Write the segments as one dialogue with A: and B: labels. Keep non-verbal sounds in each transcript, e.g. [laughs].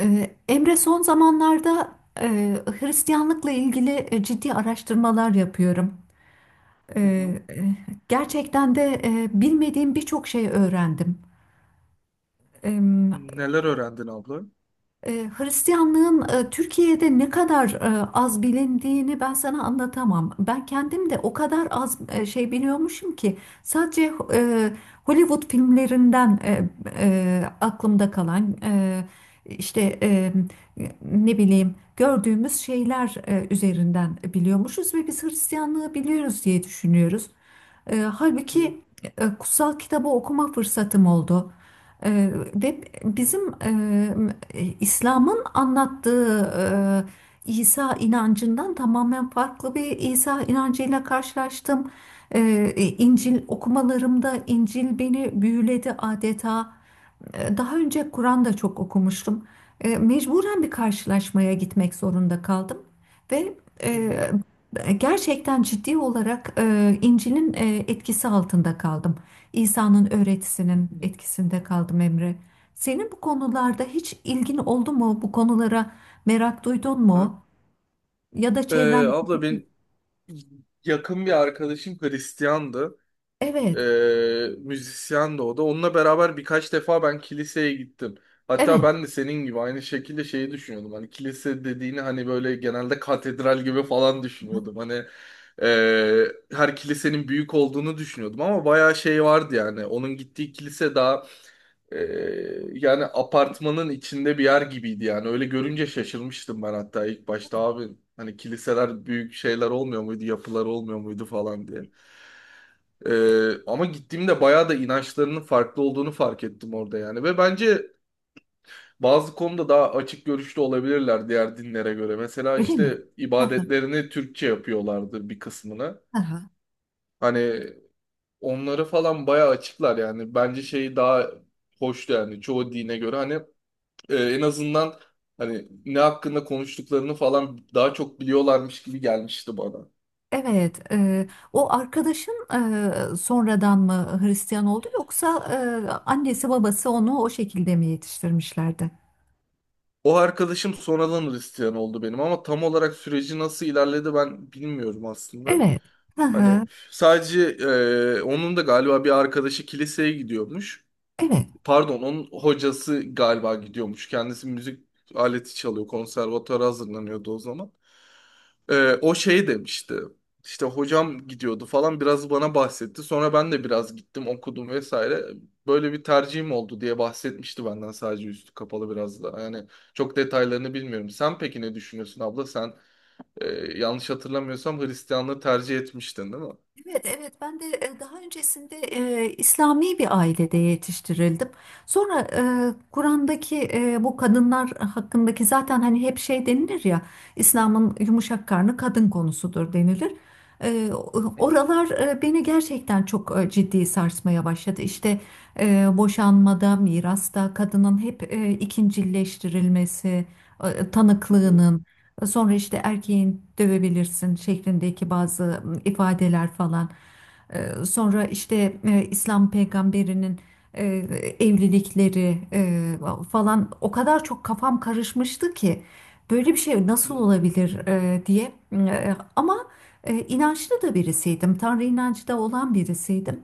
A: Emre, son zamanlarda e, Hristiyanlıkla ilgili ciddi araştırmalar yapıyorum. Ee,
B: Hı hı.
A: e, gerçekten de bilmediğim birçok şey öğrendim.
B: Neler öğrendin abla?
A: E, Hristiyanlığın Türkiye'de ne kadar az bilindiğini ben sana anlatamam. Ben kendim de o kadar az şey biliyormuşum ki sadece Hollywood filmlerinden aklımda kalan işte ne bileyim gördüğümüz şeyler üzerinden biliyormuşuz ve biz Hristiyanlığı biliyoruz diye düşünüyoruz.
B: Hı
A: Halbuki kutsal kitabı okuma fırsatım oldu. Ve
B: hı,
A: bizim İslam'ın anlattığı İsa inancından tamamen farklı bir İsa inancıyla karşılaştım. Ee,
B: hı
A: İncil okumalarımda İncil beni büyüledi adeta. Daha önce Kur'an da çok okumuştum. Mecburen bir karşılaşmaya gitmek zorunda kaldım ve
B: hı,
A: gerçekten ciddi olarak İncil'in etkisi altında kaldım. İsa'nın öğretisinin
B: hı.
A: etkisinde kaldım, Emre. Senin bu konularda hiç ilgin oldu mu? Bu konulara merak duydun
B: Ha?
A: mu? Ya da çevren?
B: Abla ben yakın bir arkadaşım Hristiyandı. Ee,
A: Evet,
B: Müzisyendi o da. Onunla beraber birkaç defa ben kiliseye gittim. Hatta
A: evet.
B: ben de senin gibi aynı şekilde şeyi düşünüyordum. Hani kilise dediğini hani böyle genelde katedral gibi falan düşünüyordum. Hani e, her kilisenin büyük olduğunu düşünüyordum ama bayağı şey vardı yani. Onun gittiği kilise daha Ee, yani apartmanın içinde bir yer gibiydi yani. Öyle görünce şaşırmıştım ben hatta ilk
A: Bak.
B: başta abi. Hani kiliseler büyük şeyler olmuyor muydu, yapılar olmuyor muydu falan diye. Ama gittiğimde bayağı da inançlarının farklı olduğunu fark ettim orada yani. Ve bence bazı konuda daha açık görüşlü olabilirler diğer dinlere göre. Mesela
A: Öyle mi?
B: işte
A: [laughs] Hı hı.
B: ibadetlerini Türkçe yapıyorlardı bir kısmını. Hani onları falan bayağı açıklar yani. Bence şey daha hoştu yani çoğu dine göre. Hani en azından hani ne hakkında konuştuklarını falan daha çok biliyorlarmış gibi gelmişti bana.
A: Evet, o arkadaşın sonradan mı Hristiyan oldu yoksa annesi babası onu o şekilde mi yetiştirmişlerdi?
B: O arkadaşım sonradan Hristiyan oldu benim ama tam olarak süreci nasıl ilerledi ben bilmiyorum aslında.
A: Evet. Hı
B: Hani
A: hı,
B: sadece onun da galiba bir arkadaşı kiliseye gidiyormuş.
A: evet.
B: Pardon, onun hocası galiba gidiyormuş. Kendisi müzik aleti çalıyor, konservatuara hazırlanıyordu o zaman. O şey demişti. İşte hocam gidiyordu falan biraz bana bahsetti. Sonra ben de biraz gittim okudum vesaire. Böyle bir tercihim oldu diye bahsetmişti benden sadece üstü kapalı biraz da. Yani çok detaylarını bilmiyorum. Sen peki ne düşünüyorsun abla? Sen e, yanlış hatırlamıyorsam Hristiyanlığı tercih etmiştin değil mi?
A: Evet, evet. Ben de daha öncesinde İslami bir ailede yetiştirildim. Sonra Kur'an'daki bu kadınlar hakkındaki zaten hani hep şey denilir ya, İslam'ın yumuşak karnı kadın konusudur denilir. Oralar beni gerçekten çok ciddi sarsmaya başladı. İşte boşanmada, mirasta kadının hep ikincileştirilmesi,
B: Hı hı,
A: tanıklığının. Sonra işte erkeğin dövebilirsin şeklindeki bazı ifadeler falan. Sonra işte İslam peygamberinin e, evlilikleri falan o kadar çok kafam karışmıştı ki böyle bir şey nasıl
B: hı
A: olabilir diye. Ama inançlı da birisiydim. Tanrı inancı da olan birisiydim.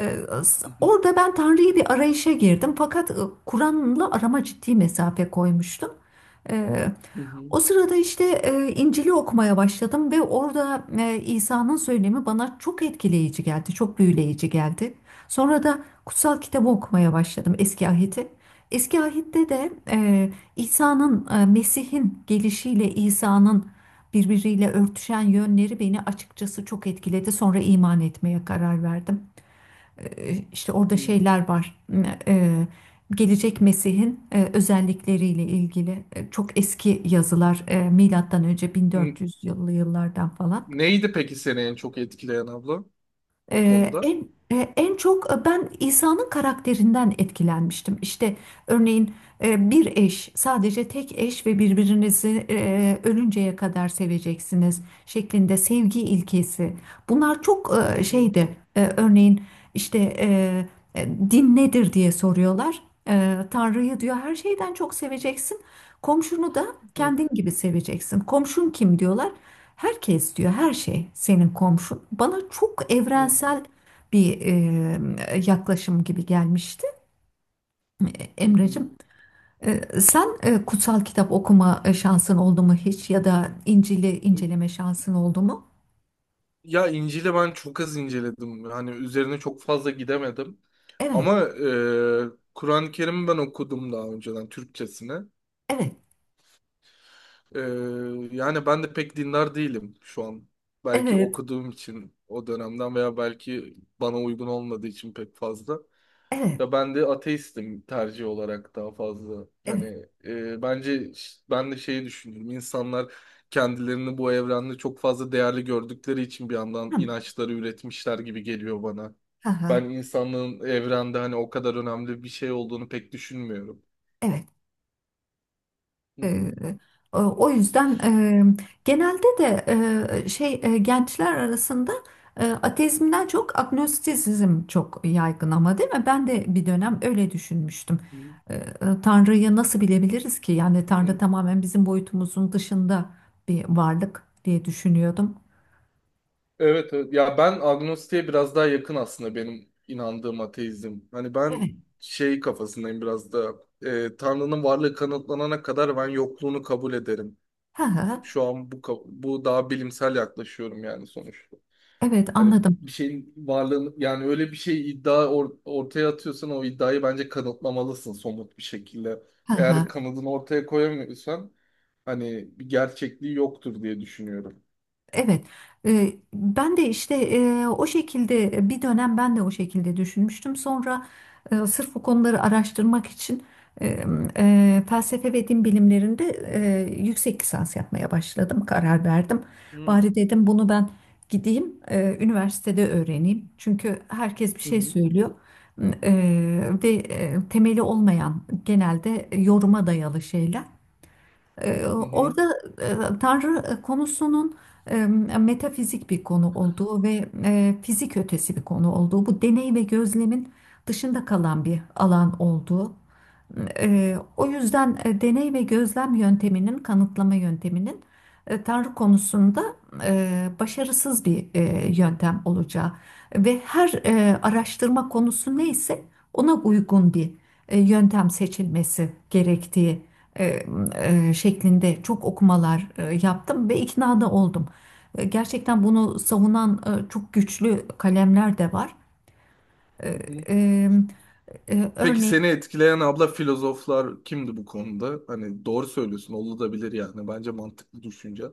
A: E,
B: hı,
A: Orada ben Tanrı'yı bir arayışa girdim, fakat Kur'an'la arama ciddi mesafe koymuştum. O sırada işte İncil'i okumaya başladım ve orada İsa'nın söylemi bana çok etkileyici geldi, çok büyüleyici geldi. Sonra da kutsal kitabı okumaya başladım, Eski Ahit'i. Eski Ahit'te de İsa'nın, Mesih'in gelişiyle İsa'nın birbiriyle örtüşen yönleri beni açıkçası çok etkiledi. Sonra iman etmeye karar verdim. İşte orada
B: hı hı,
A: şeyler var. E, Gelecek Mesih'in özellikleriyle ilgili çok eski
B: hı.
A: yazılar, milattan önce
B: N-
A: 1400 yıllı yıllardan falan.
B: Neydi peki seni en çok etkileyen abla? O
A: Ee,
B: konuda.
A: en En çok ben İsa'nın karakterinden etkilenmiştim. İşte örneğin bir eş, sadece tek eş ve birbirinizi ölünceye kadar seveceksiniz şeklinde sevgi ilkesi. Bunlar çok
B: Hı hı,
A: şeydi. Örneğin işte din nedir diye soruyorlar. Tanrı'yı diyor her şeyden çok seveceksin. Komşunu da
B: hı,
A: kendin gibi seveceksin. Komşun kim diyorlar? Herkes diyor, her şey senin komşun. Bana çok
B: hı,
A: evrensel bir yaklaşım gibi gelmişti, E,
B: hı hı.
A: Emreciğim. Sen kutsal kitap okuma şansın oldu mu hiç ya da İncil'i inceleme şansın oldu mu?
B: Ya İncil'i ben çok az inceledim. Hani üzerine çok fazla gidemedim.
A: Evet,
B: Ama Kur'an-ı Kerim'i ben okudum daha önceden Türkçesini.
A: evet,
B: Ee, Yani ben de pek dindar değilim şu an. Belki
A: evet,
B: okuduğum için o dönemden veya belki bana uygun olmadığı için pek fazla.
A: evet,
B: Ya ben de ateistim tercih olarak daha fazla.
A: evet.
B: Hani bence ben de şeyi düşünüyorum. İnsanlar kendilerini bu evrende çok fazla değerli gördükleri için bir yandan
A: Hı,
B: inançları üretmişler gibi geliyor bana.
A: hı, hı,
B: Ben insanlığın evrende hani o kadar önemli bir şey olduğunu pek düşünmüyorum.
A: evet.
B: Hı hı,
A: Ee, o yüzden genelde de şey gençler arasında ateizmden çok agnostisizm çok yaygın, ama değil mi? Ben de bir
B: hı
A: dönem öyle düşünmüştüm.
B: hı,
A: Tanrı'yı nasıl bilebiliriz ki? Yani Tanrı
B: hı.
A: tamamen bizim boyutumuzun dışında bir varlık diye düşünüyordum.
B: Evet, evet. Ya ben agnostiğe biraz daha yakın aslında benim inandığım ateizm. Hani ben
A: Evet.
B: şey kafasındayım biraz da Tanrı'nın varlığı kanıtlanana kadar ben yokluğunu kabul ederim.
A: Ha ha.
B: Şu an bu daha bilimsel yaklaşıyorum yani sonuçta.
A: Evet,
B: Hani
A: anladım.
B: bir şeyin varlığını yani öyle bir şey iddia ortaya atıyorsan o iddiayı bence kanıtlamalısın somut bir şekilde.
A: Ha ha.
B: Eğer kanıtını ortaya koyamıyorsan hani bir gerçekliği yoktur diye düşünüyorum.
A: Evet, ben de işte o şekilde bir dönem ben de o şekilde düşünmüştüm. Sonra sırf bu konuları araştırmak için e, felsefe ve din bilimlerinde yüksek lisans yapmaya başladım, karar verdim.
B: Hmm.
A: Bari dedim, bunu ben gideyim üniversitede öğreneyim. Çünkü herkes bir
B: Hı
A: şey
B: hı.
A: söylüyor, E, ve temeli olmayan, genelde yoruma dayalı şeyler. Ee,
B: Hı hı.
A: Orada Tanrı konusunun e, metafizik bir konu olduğu ve fizik ötesi bir konu olduğu, bu deney ve gözlemin dışında kalan bir alan olduğu. O yüzden deney ve gözlem yönteminin, kanıtlama yönteminin Tanrı konusunda başarısız bir yöntem olacağı ve her araştırma konusu neyse ona uygun bir yöntem seçilmesi gerektiği e, şeklinde çok okumalar yaptım ve ikna da oldum. Gerçekten bunu savunan çok güçlü kalemler de var. E,
B: Hı hı.
A: e,
B: Peki
A: Örneğin
B: seni etkileyen abla filozoflar kimdi bu konuda? Hani doğru söylüyorsun, olabilir yani. Bence mantıklı düşünce.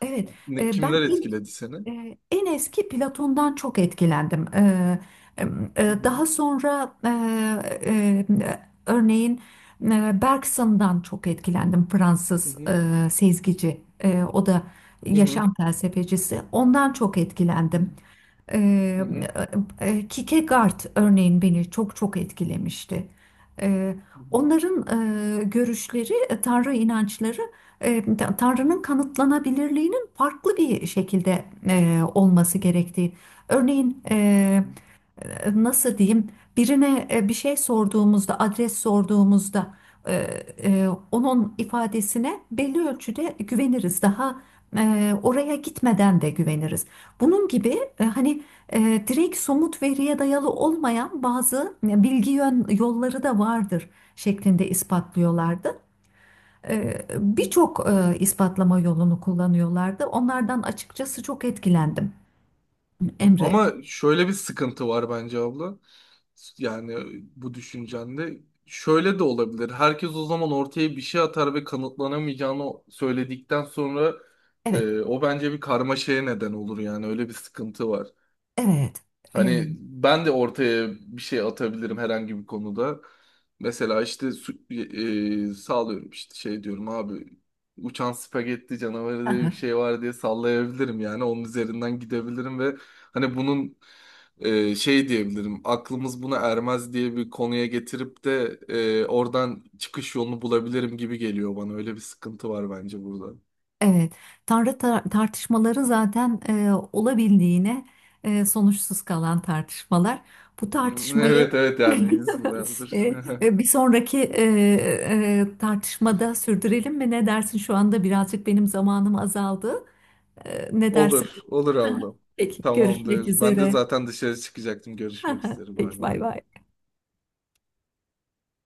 A: evet,
B: Ne,
A: ben
B: kimler
A: ilk
B: etkiledi seni?
A: En eski Platon'dan çok etkilendim. E,
B: Hı hı,
A: Daha sonra e, örneğin Bergson'dan çok etkilendim.
B: hı
A: Fransız
B: hı,
A: sezgici, o da
B: hı hı,
A: yaşam felsefecisi. Ondan çok etkilendim. Ee,
B: hı hı,
A: Kierkegaard örneğin beni çok çok etkilemişti. Ee,
B: hı hı, hı
A: Onların görüşleri, Tanrı inançları, e, Tanrı'nın kanıtlanabilirliğini farklı bir şekilde olması gerektiği. Örneğin
B: hı.
A: nasıl diyeyim, birine bir şey sorduğumuzda, adres sorduğumuzda e, onun ifadesine belli ölçüde güveniriz. Daha oraya gitmeden de güveniriz. Bunun gibi hani e, direkt somut veriye dayalı olmayan bazı bilgi yolları da vardır şeklinde ispatlıyorlardı. Birçok ispatlama yolunu kullanıyorlardı. Onlardan açıkçası çok etkilendim. Emre,
B: Ama şöyle bir sıkıntı var bence abla. Yani bu düşüncende şöyle de olabilir. Herkes o zaman ortaya bir şey atar ve kanıtlanamayacağını söyledikten sonra
A: evet,
B: o bence bir karmaşaya neden olur yani öyle bir sıkıntı var.
A: evet, eee,
B: Hani ben de ortaya bir şey atabilirim herhangi bir konuda. Mesela işte sağlıyorum işte şey diyorum abi uçan spagetti canavarı diye bir
A: aha,
B: şey var diye sallayabilirim yani onun üzerinden gidebilirim ve hani bunun şey diyebilirim aklımız buna ermez diye bir konuya getirip de oradan çıkış yolunu bulabilirim gibi geliyor bana öyle bir sıkıntı var bence burada.
A: evet. Tartışmaları zaten olabildiğine sonuçsuz kalan tartışmalar. Bu
B: [laughs]
A: tartışmayı
B: Evet, evet, yani
A: [laughs]
B: insanlardır.
A: eee, bir
B: [laughs]
A: sonraki tartışmada sürdürelim mi? Ne dersin? Şu anda birazcık benim zamanım azaldı. Ne dersin?
B: Olur, olur
A: [laughs]
B: ablam.
A: Peki, görüşmek
B: Tamamdır. Ben de
A: üzere.
B: zaten dışarı çıkacaktım. Görüşmek
A: [laughs]
B: üzere.
A: Peki,
B: Bay bay.
A: bay bay.